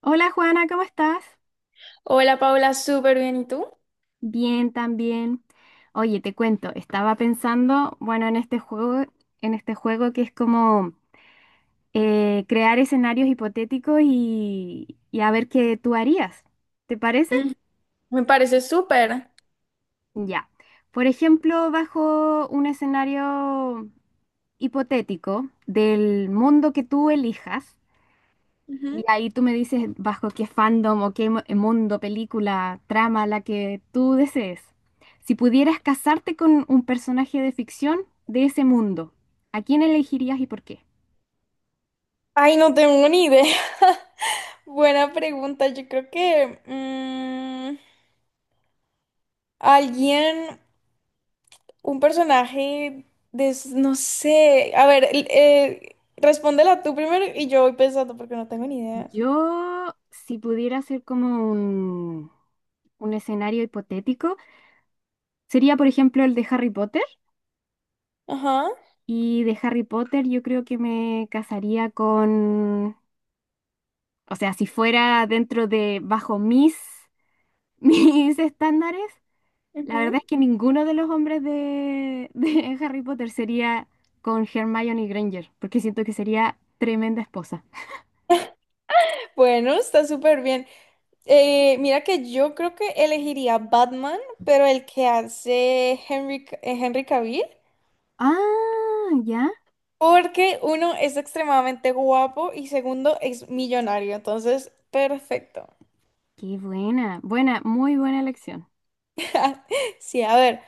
Hola Juana, ¿cómo estás? Hola Paula, súper bien. ¿Y tú? Bien, también. Oye, te cuento, estaba pensando, bueno, en este juego que es como crear escenarios hipotéticos y a ver qué tú harías. ¿Te parece? Mm, me parece súper. Ya. Por ejemplo, bajo un escenario hipotético del mundo que tú elijas. Y Ujú. ahí tú me dices bajo qué fandom o mundo, película, trama, la que tú desees. Si pudieras casarte con un personaje de ficción de ese mundo, ¿a quién elegirías y por qué? Ay, no tengo ni idea. Buena pregunta. Yo creo que alguien, un personaje, no sé. A ver, respóndela tú primero y yo voy pensando porque no tengo ni idea. Yo, si pudiera hacer un escenario hipotético, sería por ejemplo el de Harry Potter. Ajá. Y de Harry Potter yo creo que me casaría con, o sea, si fuera dentro de, bajo mis, mis estándares. La verdad Ujú. es que ninguno de los hombres de Harry Potter sería con Hermione Granger, porque siento que sería tremenda esposa. Bueno, está súper bien. Mira que yo creo que elegiría Batman, pero el que hace Henry Cavill. Ah, ya. Porque uno es extremadamente guapo y segundo es millonario, entonces perfecto. Qué buena. Buena, muy buena elección. Sí, a ver,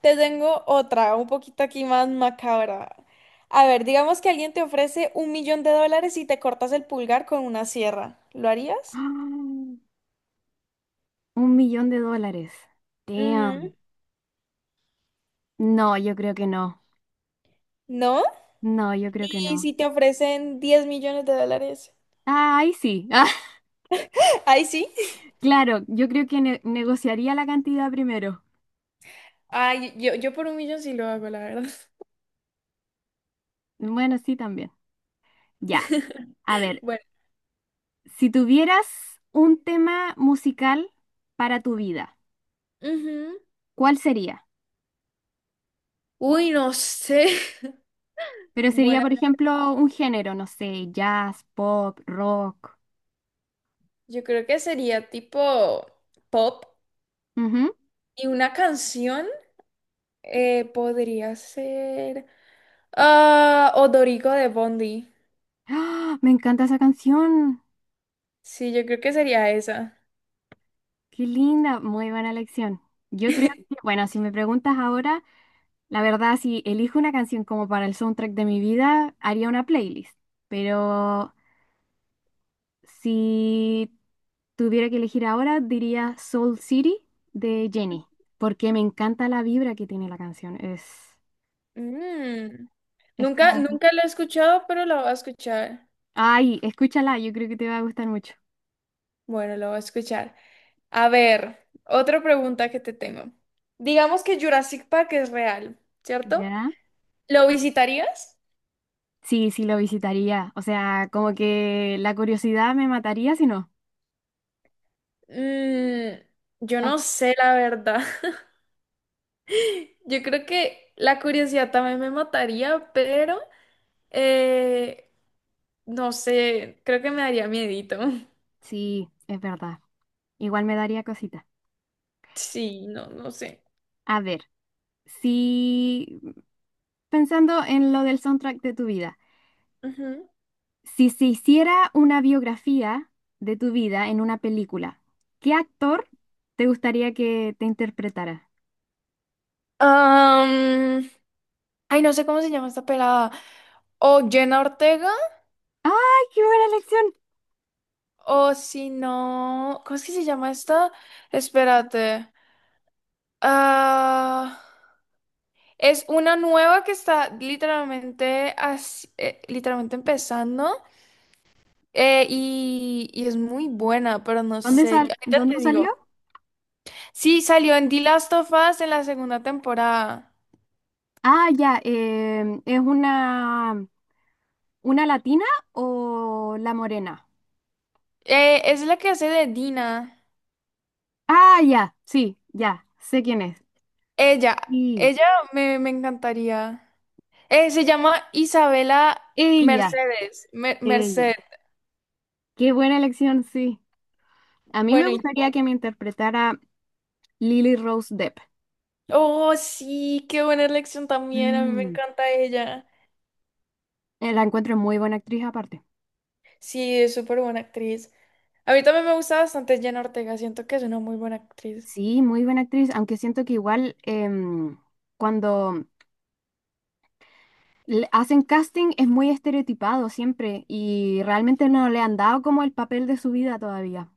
te tengo otra, un poquito aquí más macabra. A ver, digamos que alguien te ofrece un millón de dólares y te cortas el pulgar con una sierra. ¿Lo harías? Ah, un millón de dólares. Ujú. Damn. No, yo creo que no. ¿No? No, yo creo que ¿Y no. si te ofrecen 10 millones de dólares? Ah, ahí sí. Ah, Ahí sí. claro, yo creo que negociaría la cantidad primero. Ay, yo por un millón sí lo hago, la verdad. Bueno, sí, también. Ya. A ver, Bueno. si tuvieras un tema musical para tu vida. Ujú. ¿Cuál sería? Uy, no sé. Pero sería, Buena. por ejemplo, un género, no sé, jazz, pop, rock. Yo creo que sería tipo pop Ujú. y una canción podría ser Odorico de Bondi. ¡Ah! Me encanta esa canción. Sí, yo creo que sería esa. Qué linda, muy buena elección. Yo creo que, bueno, si me preguntas ahora, la verdad, si elijo una canción como para el soundtrack de mi vida, haría una playlist. Pero si tuviera que elegir ahora, diría Soul City de Jenny, porque me encanta la vibra que tiene la canción. Mm. Es Nunca, como... nunca lo he escuchado, pero lo voy a escuchar. Ay, escúchala, yo creo que te va a gustar mucho. Bueno, lo voy a escuchar. A ver, otra pregunta que te tengo. Digamos que Jurassic Park es real, ¿cierto? ¿Ya? ¿Lo visitarías? Sí, sí, lo visitaría. O sea, como que la curiosidad me mataría si no. Mm, yo Aun- no sé la verdad. Yo creo que la curiosidad también me mataría, pero eh, no sé, creo que me daría miedito. Sí, es verdad. Igual me daría cosita. Sí, no, no sé. A ver, si pensando en lo del soundtrack de tu vida, Ujú. si se hiciera una biografía de tu vida en una película, ¿qué actor te gustaría que te interpretara? Am, ay, no sé cómo se llama esta pelada. O Jenna Ortega, ¡Ay, qué buena elección! o si no. ¿Cómo es que se llama esta? Espérate. Ah, es una nueva que está literalmente, literalmente empezando. Y es muy buena, pero no sé. Ahorita Dónde te salió? digo. Sí, salió en The Last of Us en la segunda temporada. Ah, ya, es una. ¿Una latina o la morena? Es la que hace de Dina. Ah, ya, sí, ya, sé quién es. Ella, Sí, ella me encantaría. Se llama Isabela ella, Merced. ella. Qué buena elección, sí. A mí me Bueno, ¿y tú? gustaría que me interpretara Lily Rose Depp. Oh, sí, qué buena elección también. A mí me Mm, encanta ella. La encuentro muy buena actriz aparte. Sí, es súper buena actriz. A mí también me gusta bastante Jenna Ortega. Siento que es una muy buena actriz. Sí, muy buena actriz, aunque siento que igual cuando le hacen casting es muy estereotipado siempre y realmente no le han dado como el papel de su vida todavía,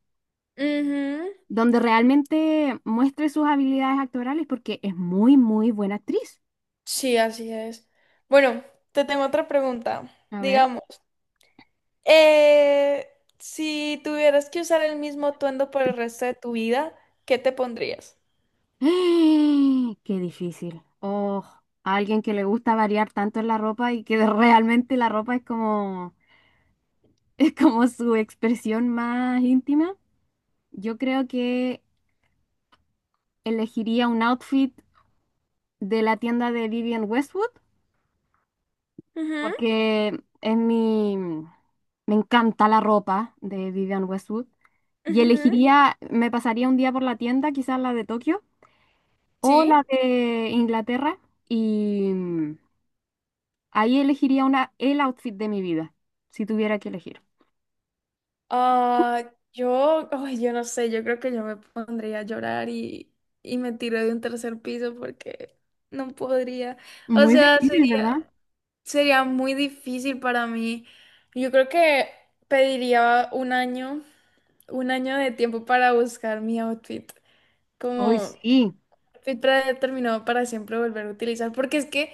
Ujú. donde realmente muestre sus habilidades actorales porque es muy, muy buena actriz. Sí, así es. Bueno, te tengo otra pregunta. A ver. Digamos, eh, si tuvieras que usar el mismo atuendo por el resto de tu vida, ¿qué te pondrías? Qué difícil. Oh, a alguien que le gusta variar tanto en la ropa y que realmente la ropa es como su expresión más íntima. Yo creo que elegiría un outfit de la tienda de Vivienne Westwood Ujú, porque es mi, me encanta la ropa de Vivian Westwood y ujú, elegiría, me pasaría un día por la tienda, quizás la de Tokio o la Sí. de Inglaterra y ahí elegiría una, el outfit de mi vida, si tuviera que elegir. Ah, ay, yo no sé, yo creo que yo me pondría a llorar y me tiro de un tercer piso porque no podría. O Muy sea, difícil, ¿verdad? sería muy difícil para mí. Yo creo que pediría un año de tiempo para buscar mi outfit, Hoy como sí, outfit predeterminado para siempre volver a utilizar, porque es que,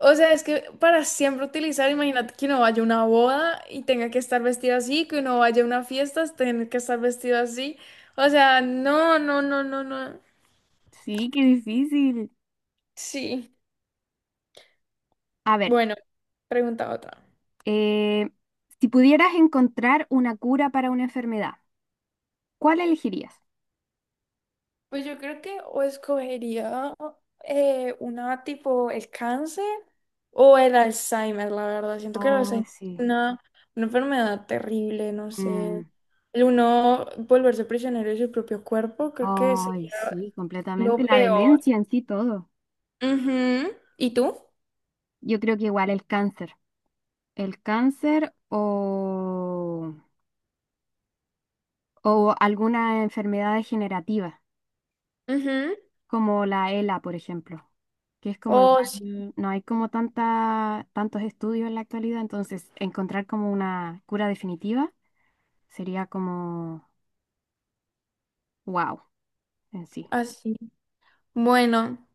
o sea, es que para siempre utilizar, imagínate que uno vaya a una boda y tenga que estar vestido así, que uno vaya a una fiesta, tenga que estar vestido así, o sea, no, no, no, no, no, sí, qué difícil. sí. A ver, Bueno, pregunta otra. eh, si pudieras encontrar una cura para una enfermedad, ¿cuál elegirías? Pues yo creo que o escogería una tipo el cáncer o el Alzheimer, la verdad. Siento que el Oh, Alzheimer sí. es una enfermedad terrible, no Mm, sé. El uno volverse prisionero de su propio cuerpo, creo que ay, sería sí, completamente. lo La peor. demencia en sí todo. Ujú. ¿Y tú? Yo creo que igual el cáncer. El cáncer o alguna enfermedad degenerativa, Ujú. como la ELA, por ejemplo, que es como Oh, sí, igual, no hay como tanta, tantos estudios en la actualidad, entonces encontrar como una cura definitiva sería como wow en sí. así. Bueno,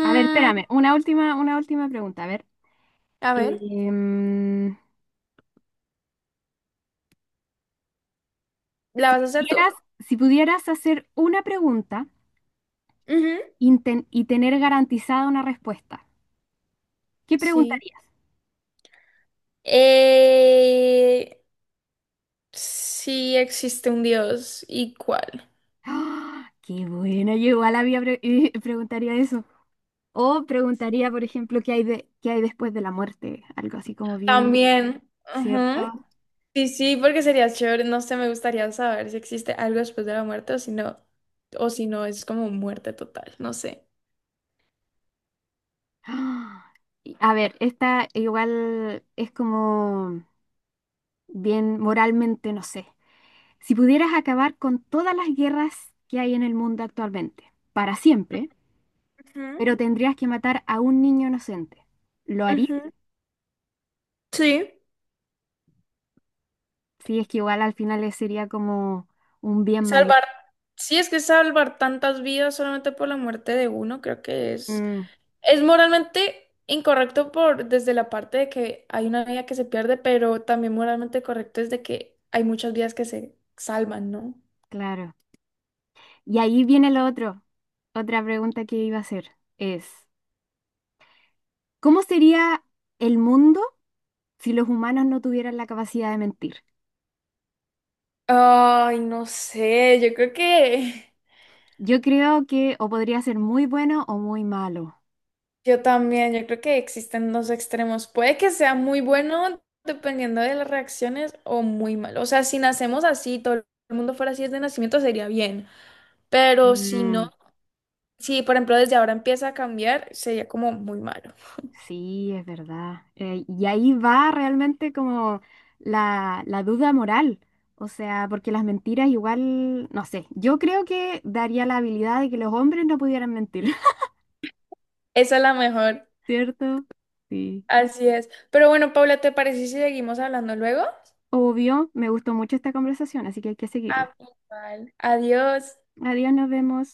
A ver, espérame, una última pregunta. A ver, a ver, em, ¿la si vas a hacer tú? pudieras, si pudieras hacer una pregunta Ujú, y tener garantizada una respuesta, ¿qué sí. preguntarías? Eh, Sí existe un Dios? ¿Y cuál? ¡Ah! ¡Qué buena! Yo igual había preguntaría eso. O preguntaría, por ejemplo, qué hay después de la muerte, algo así como bien, También. Ajá. ¿cierto? Sí, sí, porque sería chévere. No sé, me gustaría saber si existe algo después de la muerte o si no es como muerte total. No sé. ¡Ah! Y, a ver, esta igual es como bien moralmente, no sé. Si pudieras acabar con todas las guerras que hay en el mundo actualmente, para siempre, pero tendrías que matar a un niño inocente. ¿Lo harías? Ujú, ujú. Sí. Sí, es que igual al final le sería como un bien mayor. Salvar. Sí, es que salvar tantas vidas solamente por la muerte de uno, creo que es. Mm, Es moralmente incorrecto por desde la parte de que hay una vida que se pierde, pero también moralmente correcto es de que hay muchas vidas que se salvan, ¿no? claro. Y ahí viene lo otro. Otra pregunta que iba a hacer es, ¿cómo sería el mundo si los humanos no tuvieran la capacidad de mentir? Ay, no sé, yo creo que Yo creo que o podría ser muy bueno o muy malo. yo también, yo creo que existen dos extremos. Puede que sea muy bueno dependiendo de las reacciones o muy malo. O sea, si nacemos así, todo el mundo fuera así desde nacimiento sería bien, pero si no, Mm, si por ejemplo desde ahora empieza a cambiar, sería como muy malo. sí, es verdad. Y ahí va realmente como la duda moral. O sea, porque las mentiras igual, no sé, yo creo que daría la habilidad de que los hombres no pudieran mentir, Esa es la mejor, ¿cierto? Sí. así es. Pero bueno, Paula, ¿te parece si seguimos hablando luego? Obvio, me gustó mucho esta conversación, así que hay que seguirla. Ah, pues, vale. Adiós. Adiós, nos vemos.